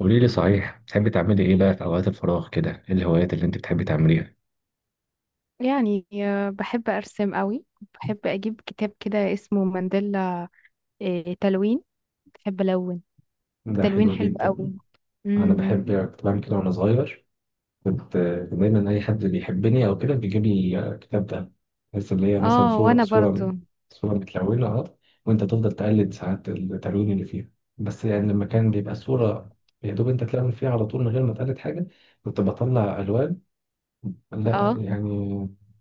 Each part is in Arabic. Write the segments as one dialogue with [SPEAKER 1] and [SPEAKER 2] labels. [SPEAKER 1] قولي لي، صحيح بتحبي تعملي ايه بقى في اوقات الفراغ كده؟ ايه الهوايات اللي انت بتحبي تعمليها؟
[SPEAKER 2] بحب أرسم قوي. بحب أجيب كتاب كده اسمه مانديلا. تلوين، بحب ألون.
[SPEAKER 1] ده
[SPEAKER 2] تلوين
[SPEAKER 1] حلو
[SPEAKER 2] حلو
[SPEAKER 1] جدا.
[SPEAKER 2] قوي.
[SPEAKER 1] انا
[SPEAKER 2] امم
[SPEAKER 1] بحب، كنت بعمل كده وانا صغير. كنت، كان دايما اي حد بيحبني او كده بيجيب لي كتاب ده. بس اللي هي مثلا
[SPEAKER 2] اه
[SPEAKER 1] صوره،
[SPEAKER 2] وانا برضو
[SPEAKER 1] صوره متلونه اهو، وانت تفضل تقلد ساعات التلوين اللي فيها. بس يعني لما كان بيبقى الصوره، يا دوب انت تلون فيها على طول من غير ما تقلد حاجه. كنت بطلع الوان لا
[SPEAKER 2] اه.
[SPEAKER 1] يعني،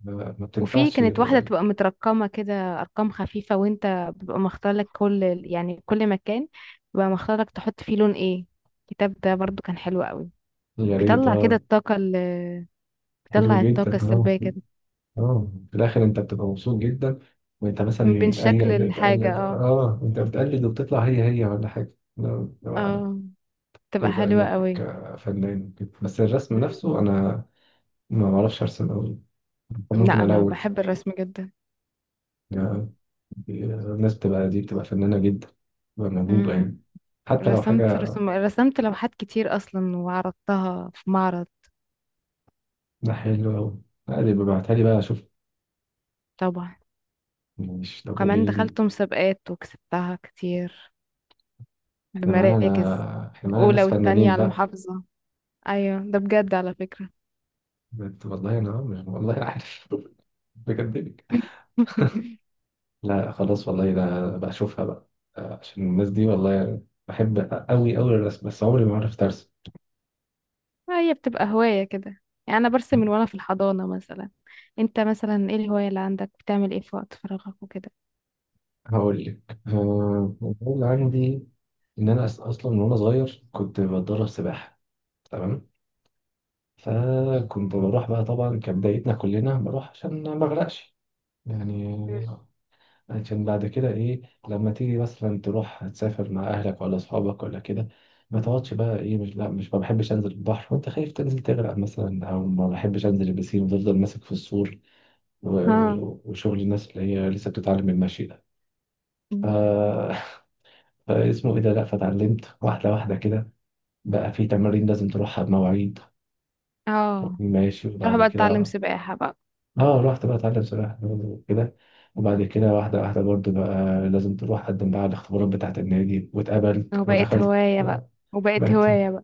[SPEAKER 1] ما
[SPEAKER 2] وفي
[SPEAKER 1] بتنفعش.
[SPEAKER 2] كانت واحدة تبقى مترقمة كده، أرقام خفيفة، وانت بيبقى مختار لك كل مكان، بيبقى مختار لك تحط فيه لون ايه. الكتاب ده برضو كان حلو قوي.
[SPEAKER 1] يا ريت
[SPEAKER 2] بيطلع كده
[SPEAKER 1] اه.
[SPEAKER 2] الطاقة ال-
[SPEAKER 1] حلو
[SPEAKER 2] بيطلع الطاقة
[SPEAKER 1] جدا اه.
[SPEAKER 2] السلبية كده.
[SPEAKER 1] اه، في الاخر انت بتبقى مبسوط جدا. وانت مثلا
[SPEAKER 2] من شكل
[SPEAKER 1] بتقلد
[SPEAKER 2] الحاجة
[SPEAKER 1] بتقلد
[SPEAKER 2] اه.
[SPEAKER 1] اه، انت بتقلد وبتطلع هي هي ولا حاجه؟ لو انا
[SPEAKER 2] اه
[SPEAKER 1] كده
[SPEAKER 2] تبقى
[SPEAKER 1] بقى
[SPEAKER 2] حلوة
[SPEAKER 1] انك
[SPEAKER 2] قوي.
[SPEAKER 1] فنان كده. بس الرسم نفسه انا ما بعرفش ارسم قوي. ممكن
[SPEAKER 2] لا انا
[SPEAKER 1] الون
[SPEAKER 2] بحب الرسم جدا.
[SPEAKER 1] يعني. الناس بتبقى دي فنانه جدا، بتبقى موهوبه
[SPEAKER 2] امم
[SPEAKER 1] يعني. حتى لو
[SPEAKER 2] رسمت
[SPEAKER 1] حاجه
[SPEAKER 2] رسمت لوحات كتير اصلا وعرضتها في معرض.
[SPEAKER 1] حلوه قوي. لا اللي ببعتها لي بقى اشوف.
[SPEAKER 2] طبعا.
[SPEAKER 1] مش طب
[SPEAKER 2] وكمان
[SPEAKER 1] قولي لي،
[SPEAKER 2] دخلت مسابقات وكسبتها كتير،
[SPEAKER 1] احنا معانا،
[SPEAKER 2] بمراكز
[SPEAKER 1] احنا معانا
[SPEAKER 2] اولى
[SPEAKER 1] ناس
[SPEAKER 2] والتانية
[SPEAKER 1] فنانين
[SPEAKER 2] على
[SPEAKER 1] بقى.
[SPEAKER 2] المحافظة. ايوه ده بجد على فكرة.
[SPEAKER 1] قلت والله انا مش والله عارف. بكدبك. لا خلاص والله، ده بقى اشوفها بقى. عشان الناس دي والله بحب قوي قوي الرسم، بس عمري ما عرفت ارسم.
[SPEAKER 2] هي بتبقى هواية كده، يعني انا برسم من وانا في الحضانة مثلا. انت مثلا ايه الهواية اللي عندك؟ بتعمل ايه في وقت فراغك وكده؟
[SPEAKER 1] هقول لك، المفروض عندي ان انا اصلا من وانا صغير كنت بتدرب سباحه. تمام. فكنت بروح بقى، طبعا كبدايتنا كلنا بروح عشان ما اغرقش يعني.
[SPEAKER 2] مم.
[SPEAKER 1] عشان بعد كده ايه، لما تيجي مثلا تروح تسافر مع اهلك ولا اصحابك ولا كده، ما تقعدش بقى ايه، مش لا، مش ما بحبش انزل البحر وانت خايف تنزل تغرق مثلا، او ما بحبش انزل البسين وتفضل ماسك في السور،
[SPEAKER 2] اه.
[SPEAKER 1] وشغل الناس اللي هي لسه بتتعلم المشي ده. ف...
[SPEAKER 2] مم.
[SPEAKER 1] فاسمه ايه ده، لا، فتعلمت واحده واحده كده. بقى في تمارين لازم تروحها بمواعيد،
[SPEAKER 2] اه.
[SPEAKER 1] ماشي،
[SPEAKER 2] تروح
[SPEAKER 1] وبعد
[SPEAKER 2] بقى تتعلم
[SPEAKER 1] كده
[SPEAKER 2] سباحة بقى.
[SPEAKER 1] اه رحت بقى اتعلم سباحة برضه وكده. وبعد كده واحدة واحدة برضه بقى لازم تروح قدم بقى على الاختبارات بتاعة النادي، واتقبلت
[SPEAKER 2] وبقت
[SPEAKER 1] ودخلت.
[SPEAKER 2] هواية بقى، وبقت
[SPEAKER 1] بقت
[SPEAKER 2] هواية بقى.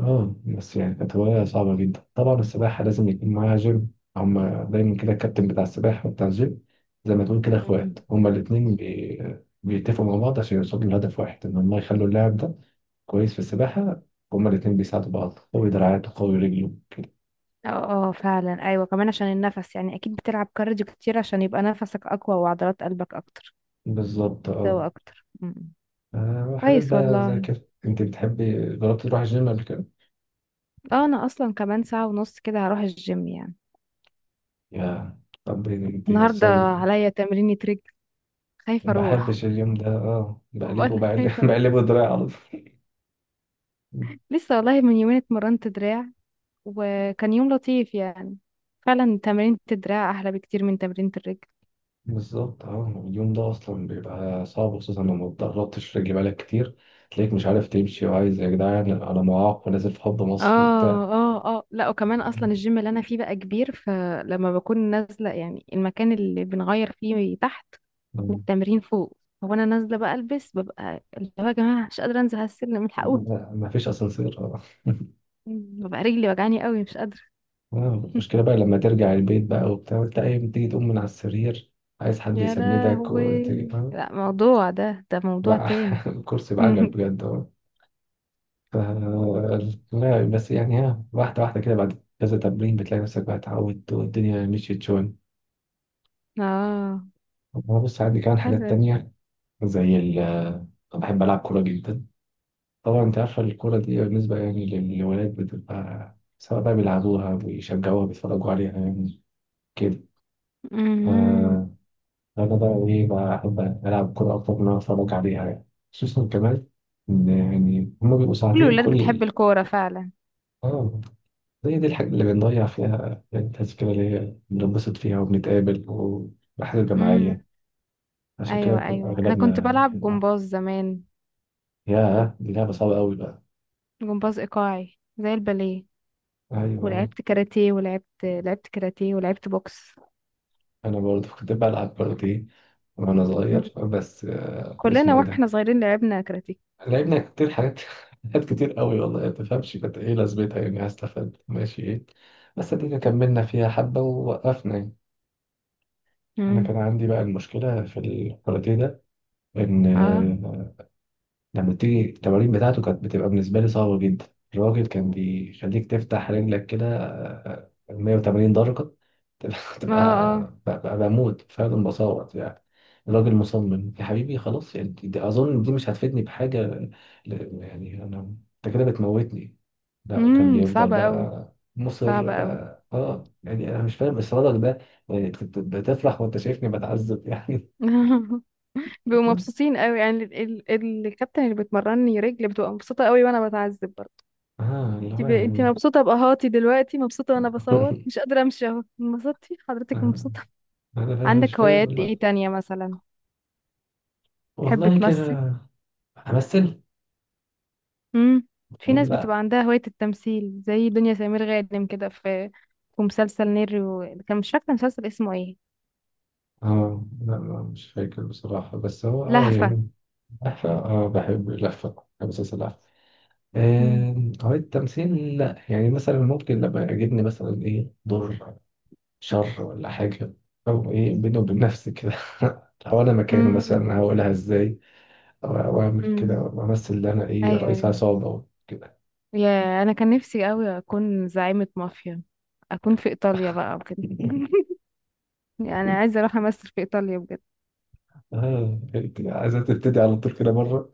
[SPEAKER 1] اه. بس يعني كانت هواية صعبة جدا طبعا. السباحة لازم يكون معاها جيم، هما دايما كده الكابتن بتاع السباحة وبتاع الجيم، زي ما تقول كده اخوات
[SPEAKER 2] مم.
[SPEAKER 1] هما الاتنين، بيتفقوا مع بعض عشان يوصلوا لهدف واحد، ان هما يخلوا اللاعب ده كويس في السباحة. هما الاتنين بيساعدوا بعض، قوي دراعاته، قوي رجله كده.
[SPEAKER 2] اه. اه فعلا، ايوه كمان عشان النفس، يعني اكيد بتلعب كارديو كتير عشان يبقى نفسك اقوى وعضلات قلبك اكتر
[SPEAKER 1] بالظبط اه.
[SPEAKER 2] قوي اكتر م- م.
[SPEAKER 1] وحاجات
[SPEAKER 2] كويس
[SPEAKER 1] بقى زي
[SPEAKER 2] والله.
[SPEAKER 1] كده، انت بتحبي جربتي تروحي الجيم قبل كده؟
[SPEAKER 2] اه انا اصلا كمان ساعة ونص كده هروح الجيم يعني.
[SPEAKER 1] يا طب انت
[SPEAKER 2] النهاردة
[SPEAKER 1] اصلا
[SPEAKER 2] عليا تمرينة رجل، خايفة اروح.
[SPEAKER 1] بحبش اليوم ده اه،
[SPEAKER 2] بقول
[SPEAKER 1] بقلبه
[SPEAKER 2] لك
[SPEAKER 1] بقلب
[SPEAKER 2] خايفة اروح.
[SPEAKER 1] بقلبه دراعي على طول.
[SPEAKER 2] لسه والله من يومين اتمرنت دراع، وكان يوم لطيف يعني. فعلا تمرينة الدراع احلى بكتير من تمرينة الرجل.
[SPEAKER 1] بالظبط اه، اليوم ده اصلا بيبقى صعب خصوصا لما اتدربتش رجلي بقالك كتير، تلاقيك مش عارف تمشي، وعايز يا جدعان انا معاق ونازل في حب مصر
[SPEAKER 2] اه
[SPEAKER 1] وبتاع.
[SPEAKER 2] اه اه. لا وكمان اصلا الجيم اللي انا فيه بقى كبير، فلما بكون نازله، يعني المكان اللي بنغير فيه تحت
[SPEAKER 1] مم.
[SPEAKER 2] والتمرين فوق. هو انا نازله بقى البس، ببقى اللي هو يا جماعه مش قادره انزل على السلم، الحقوني.
[SPEAKER 1] لا، مفيش اسانسير اه.
[SPEAKER 2] ببقى رجلي وجعاني قوي، مش قادره.
[SPEAKER 1] المشكله بقى لما ترجع البيت بقى وبتاع، وتلاقي تيجي تقوم من على السرير، عايز حد
[SPEAKER 2] يا
[SPEAKER 1] يسندك،
[SPEAKER 2] لهوي.
[SPEAKER 1] وتيجي
[SPEAKER 2] لا موضوع ده ده موضوع
[SPEAKER 1] بقى
[SPEAKER 2] تاني.
[SPEAKER 1] الكرسي بعجل بجد اه. ف- لا بس يعني، ها، واحدة واحدة كده بعد كذا تمرين بتلاقي نفسك بقى اتعودت والدنيا مشيت شوية.
[SPEAKER 2] اه.
[SPEAKER 1] أما بص، عندي كمان حاجات
[SPEAKER 2] حلو.
[SPEAKER 1] تانية زي ال، أنا بحب ألعب كورة جدا. طبعا أنت عارفة الكورة دي بالنسبة يعني للولاد بتبقى، سواء بقى بيلعبوها بيشجعوها بيتفرجوا عليها يعني، كده.
[SPEAKER 2] مهم.
[SPEAKER 1] ف- أنا بقى إيه بقى، أحب ألعب كورة أكتر من إن أنا أتفرج عليها يعني. خصوصا كمان إن يعني هما بيبقوا
[SPEAKER 2] كل
[SPEAKER 1] ساعتين
[SPEAKER 2] الولاد بتحب
[SPEAKER 1] كل
[SPEAKER 2] الكوره فعلا.
[SPEAKER 1] اه. هي دي الحاجة اللي بنضيع فيها يعني، التذكرة اللي هي بننبسط فيها وبنتقابل والرحلات
[SPEAKER 2] مم.
[SPEAKER 1] الجماعية. عشان كده،
[SPEAKER 2] ايوه ايوه، انا كنت
[SPEAKER 1] أغلبنا
[SPEAKER 2] بلعب
[SPEAKER 1] بنحبها.
[SPEAKER 2] جمباز زمان،
[SPEAKER 1] ياه دي لعبة صعبة أوي بقى.
[SPEAKER 2] جمباز ايقاعي زي الباليه.
[SPEAKER 1] أيوة،
[SPEAKER 2] ولعبت كاراتيه ولعبت لعبت كاراتيه ولعبت بوكس.
[SPEAKER 1] أنا برضه كنت بلعب برضه دي وأنا
[SPEAKER 2] مم.
[SPEAKER 1] صغير، بس
[SPEAKER 2] كلنا
[SPEAKER 1] اسمه إيه ده؟
[SPEAKER 2] واحنا صغيرين لعبنا كاراتيه.
[SPEAKER 1] لعبنا كتير حاجات حاجات كتير أوي والله، ما تفهمش كانت إيه لازمتها يعني، هستفاد ماشي إيه. بس دي كملنا فيها حبة ووقفنا يعني. أنا
[SPEAKER 2] امم
[SPEAKER 1] كان عندي بقى المشكلة في الكاراتيه ده، إن
[SPEAKER 2] اه
[SPEAKER 1] آه، لما تيجي التمارين بتاعته كانت بتبقى بالنسبة لي صعبة جدا. الراجل كان بيخليك تفتح رجلك كده 180 درجة
[SPEAKER 2] اه
[SPEAKER 1] تبقى.
[SPEAKER 2] اه.
[SPEAKER 1] ببقى بموت فعلا بصوت يعني. الراجل مصمم، يا حبيبي خلاص يعني، دي أظن دي مش هتفيدني بحاجة. يعني أنا، أنت كده بتموتني. لا كان بيفضل
[SPEAKER 2] صعبة قوي،
[SPEAKER 1] بقى مصر
[SPEAKER 2] صعبة قوي.
[SPEAKER 1] بقى اه، يعني أنا مش فاهم إصرارك ده. يعني أنت بتفرح وأنت شايفني بتعذب يعني.
[SPEAKER 2] بيبقوا مبسوطين قوي، يعني الكابتن اللي بتمرني رجل بتبقى مبسوطة قوي وانا بتعذب برضه.
[SPEAKER 1] اه اللي هو
[SPEAKER 2] انت
[SPEAKER 1] يعني.
[SPEAKER 2] مبسوطة بقهاتي دلوقتي، مبسوطة، وانا بصوت مش قادرة امشي. اهو انبسطتي حضرتك،
[SPEAKER 1] آه.
[SPEAKER 2] مبسوطة.
[SPEAKER 1] انا مش
[SPEAKER 2] عندك
[SPEAKER 1] فاهم
[SPEAKER 2] هوايات
[SPEAKER 1] والله.
[SPEAKER 2] ايه تانية مثلا؟ تحب
[SPEAKER 1] والله
[SPEAKER 2] تمثل؟
[SPEAKER 1] كده. همثل.
[SPEAKER 2] امم في ناس
[SPEAKER 1] لا.
[SPEAKER 2] بتبقى عندها هواية التمثيل زي دنيا سمير غانم كده. في في مسلسل نيرو، كان مش فاكرة مسلسل اسمه ايه.
[SPEAKER 1] اه لا لا، مش فاكر بصراحة، بس هو اه
[SPEAKER 2] لهفة.
[SPEAKER 1] يعني لفة، اه، بحب اللفة، بحب أساس اللفة.
[SPEAKER 2] مم.
[SPEAKER 1] آه، هو التمثيل لا يعني، مثلا ممكن لما يعجبني مثلا ايه، دور شر ولا حاجة، أو ايه، بيني وبين نفسي كده لو أنا مكانه
[SPEAKER 2] امم
[SPEAKER 1] مثلا هقولها ازاي، أو أو أعمل كده
[SPEAKER 2] امم
[SPEAKER 1] وأمثل إن أنا ايه،
[SPEAKER 2] ايوه
[SPEAKER 1] رئيس
[SPEAKER 2] أيوة.
[SPEAKER 1] عصابة كده.
[SPEAKER 2] يا انا كان نفسي قوي اكون زعيمة مافيا، اكون في ايطاليا بقى وكده. يعني عايزة اروح امثل في ايطاليا بجد.
[SPEAKER 1] اه، عايزة تبتدي على طول كده مرة.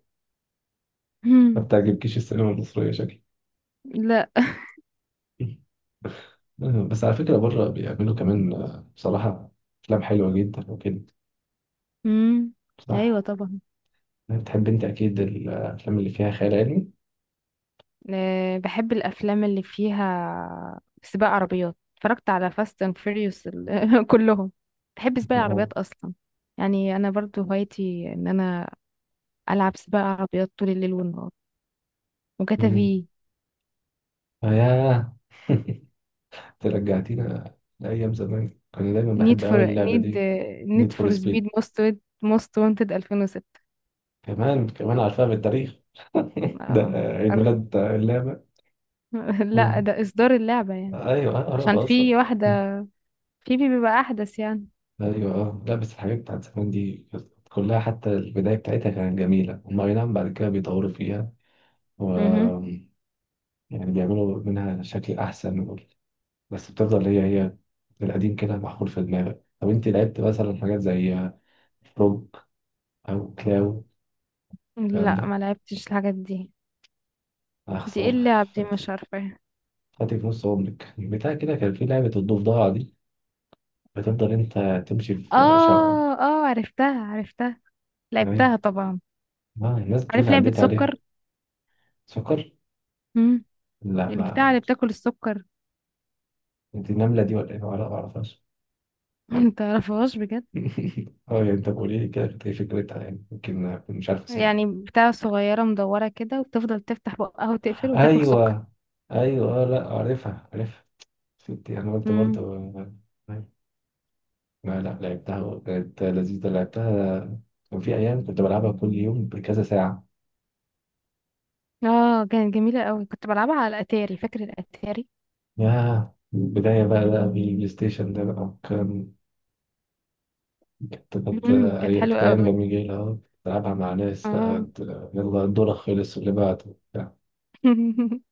[SPEAKER 1] ما
[SPEAKER 2] مم.
[SPEAKER 1] بتعجبكيش السينما المصرية شكلي.
[SPEAKER 2] لا.
[SPEAKER 1] بس على فكرة بره بيعملوا كمان بصراحة أفلام حلوة جدا وكده.
[SPEAKER 2] امم ايوه
[SPEAKER 1] صح.
[SPEAKER 2] طبعا.
[SPEAKER 1] يعني بتحب أنت أكيد الأفلام اللي فيها خيال علمي.
[SPEAKER 2] بحب الافلام اللي فيها سباق عربيات، اتفرجت على فاست اند فيريوس كلهم. بحب سباق
[SPEAKER 1] آه.
[SPEAKER 2] العربيات اصلا. يعني انا برضو هوايتي ان انا العب سباق عربيات طول الليل والنهار. وجاتا
[SPEAKER 1] مم.
[SPEAKER 2] في.
[SPEAKER 1] ياه. أنت رجعتينا لأيام زمان، كان دايما
[SPEAKER 2] نيد
[SPEAKER 1] بحب أوي
[SPEAKER 2] فور
[SPEAKER 1] اللعبة
[SPEAKER 2] نيد
[SPEAKER 1] دي. نيد
[SPEAKER 2] نيد
[SPEAKER 1] فور
[SPEAKER 2] فور
[SPEAKER 1] سبيد،
[SPEAKER 2] سبيد موست وانتد 2006.
[SPEAKER 1] كمان كمان عارفها بالتاريخ. ده
[SPEAKER 2] اه
[SPEAKER 1] عيد
[SPEAKER 2] عارف.
[SPEAKER 1] ميلاد اللعبة.
[SPEAKER 2] لا
[SPEAKER 1] مم.
[SPEAKER 2] ده اصدار اللعبة يعني.
[SPEAKER 1] أيوه أنا بعرف
[SPEAKER 2] عشان
[SPEAKER 1] أصلا.
[SPEAKER 2] في واحدة في بي بيبقى احدث يعني.
[SPEAKER 1] ايوه اه، لا بس الحاجات بتاعت زمان دي كانت كلها حتى البدايه بتاعتها كانت جميله، هم اي نعم بعد كده بيطوروا فيها و،
[SPEAKER 2] مهم.
[SPEAKER 1] يعني بيعملوا منها شكل احسن بس بتفضل هي هي، القديم كده محفور في دماغك. طب انت لعبت مثلا حاجات زي روك او كلاو الكلام
[SPEAKER 2] لا
[SPEAKER 1] ده؟
[SPEAKER 2] ما لعبتش الحاجات دي.
[SPEAKER 1] يا
[SPEAKER 2] دي ايه
[SPEAKER 1] خساره.
[SPEAKER 2] اللعب دي؟
[SPEAKER 1] فات-
[SPEAKER 2] مش عارفة.
[SPEAKER 1] فاتك نص عمرك. بتاع كده كان في لعبه الضفدعه دي، بتفضل انت تمشي في شقه.
[SPEAKER 2] اه اه، عرفتها، لعبتها
[SPEAKER 1] تمام،
[SPEAKER 2] طبعا.
[SPEAKER 1] ما الناس بتقول
[SPEAKER 2] عارف لعبة
[SPEAKER 1] عديت عليها.
[SPEAKER 2] سكر؟
[SPEAKER 1] سكر؟
[SPEAKER 2] امم
[SPEAKER 1] لا
[SPEAKER 2] البتاع
[SPEAKER 1] ما،
[SPEAKER 2] اللي بتاكل السكر.
[SPEAKER 1] انت النمله دي ولا ايه؟ ما اعرفهاش.
[SPEAKER 2] متعرفهاش بجد.
[SPEAKER 1] اه يعني انت قولي لي كده كانت ايه فكرتها، يعني يمكن أكون مش عارف اسمها.
[SPEAKER 2] يعني بتاع صغيرة مدورة كده وبتفضل تفتح بقها وتقفل وتاكل سكر.
[SPEAKER 1] ايوه، ايوه لا عارفها عارفها، فهمت. انا قلت
[SPEAKER 2] امم
[SPEAKER 1] برضه لا لا، لعبتها وكانت لذيذة، لعبتها. كان في أيام كنت بلعبها كل يوم بكذا ساعة.
[SPEAKER 2] اه كانت جميلة قوي، كنت بلعبها على الاتاري. فاكر الاتاري؟
[SPEAKER 1] ياه البداية بقى، ده بالبلاي ستيشن ده بقى كان، كانت كانت
[SPEAKER 2] كانت
[SPEAKER 1] كانت
[SPEAKER 2] حلوة
[SPEAKER 1] أيام
[SPEAKER 2] قوي.
[SPEAKER 1] جميلة أهو. بلعبها مع ناس بقى
[SPEAKER 2] اه.
[SPEAKER 1] يلا دورك خلص واللي بعده بتاع.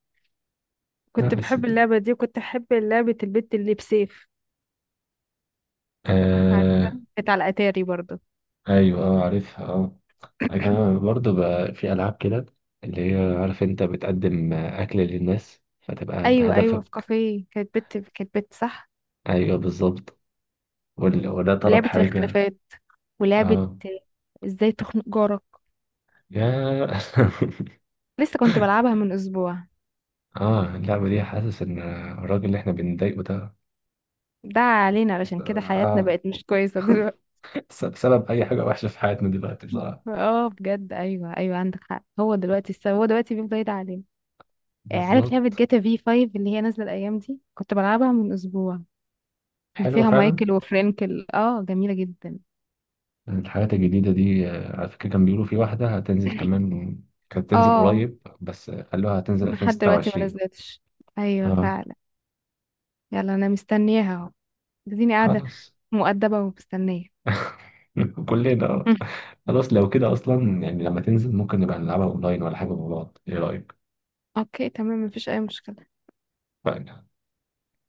[SPEAKER 1] لا
[SPEAKER 2] كنت
[SPEAKER 1] بس،
[SPEAKER 2] بحب اللعبة دي، وكنت أحب لعبة البت اللي بسيف. عارفة؟
[SPEAKER 1] آه.
[SPEAKER 2] كانت على الاتاري برضو.
[SPEAKER 1] أيوه أه عارفها أه. أنا كمان برضه بقى في ألعاب كده، اللي هي عارف أنت بتقدم أكل للناس فتبقى أنت
[SPEAKER 2] ايوه ايوه، في
[SPEAKER 1] هدفك.
[SPEAKER 2] كافيه، كانت بت صح.
[SPEAKER 1] أيوه بالظبط، وده طلب
[SPEAKER 2] ولعبة
[SPEAKER 1] حاجة.
[SPEAKER 2] الاختلافات، ولعبة
[SPEAKER 1] أه.
[SPEAKER 2] ازاي تخنق جارك.
[SPEAKER 1] يا.
[SPEAKER 2] لسه كنت بلعبها من اسبوع.
[SPEAKER 1] أه اللعبة دي، حاسس إن الراجل اللي إحنا بنضايقه ده،
[SPEAKER 2] ده علينا، علشان كده حياتنا
[SPEAKER 1] أه،
[SPEAKER 2] بقت مش كويسة دلوقتي.
[SPEAKER 1] سبب أي حاجة وحشة في حياتنا دلوقتي بصراحة.
[SPEAKER 2] اه بجد، ايوه ايوه عندك حق. هو دلوقتي بيفضل يدعي علينا. عارف لعبة
[SPEAKER 1] بالظبط.
[SPEAKER 2] جاتا في 5 اللي هي نازلة الايام دي؟ كنت بلعبها من اسبوع. اللي
[SPEAKER 1] حلوة
[SPEAKER 2] فيها
[SPEAKER 1] فعلا.
[SPEAKER 2] مايكل وفرانكل، اه جميلة جدا.
[SPEAKER 1] الحاجات الجديدة دي على فكرة كان بيقولوا في واحدة هتنزل كمان، كانت تنزل
[SPEAKER 2] اه
[SPEAKER 1] قريب بس خلوها هتنزل
[SPEAKER 2] لحد دلوقتي ما
[SPEAKER 1] 2026.
[SPEAKER 2] نزلتش. ايوه
[SPEAKER 1] أه.
[SPEAKER 2] فعلا. يلا انا مستنياها اهو، اديني قاعدة
[SPEAKER 1] خلاص.
[SPEAKER 2] مؤدبة ومستنية.
[SPEAKER 1] كلنا آه. خلاص لو كده اصلا يعني لما تنزل ممكن نبقى نلعبها اونلاين ولا حاجه مع بعض، ايه رايك؟
[SPEAKER 2] اوكي تمام، مفيش اي مشكلة.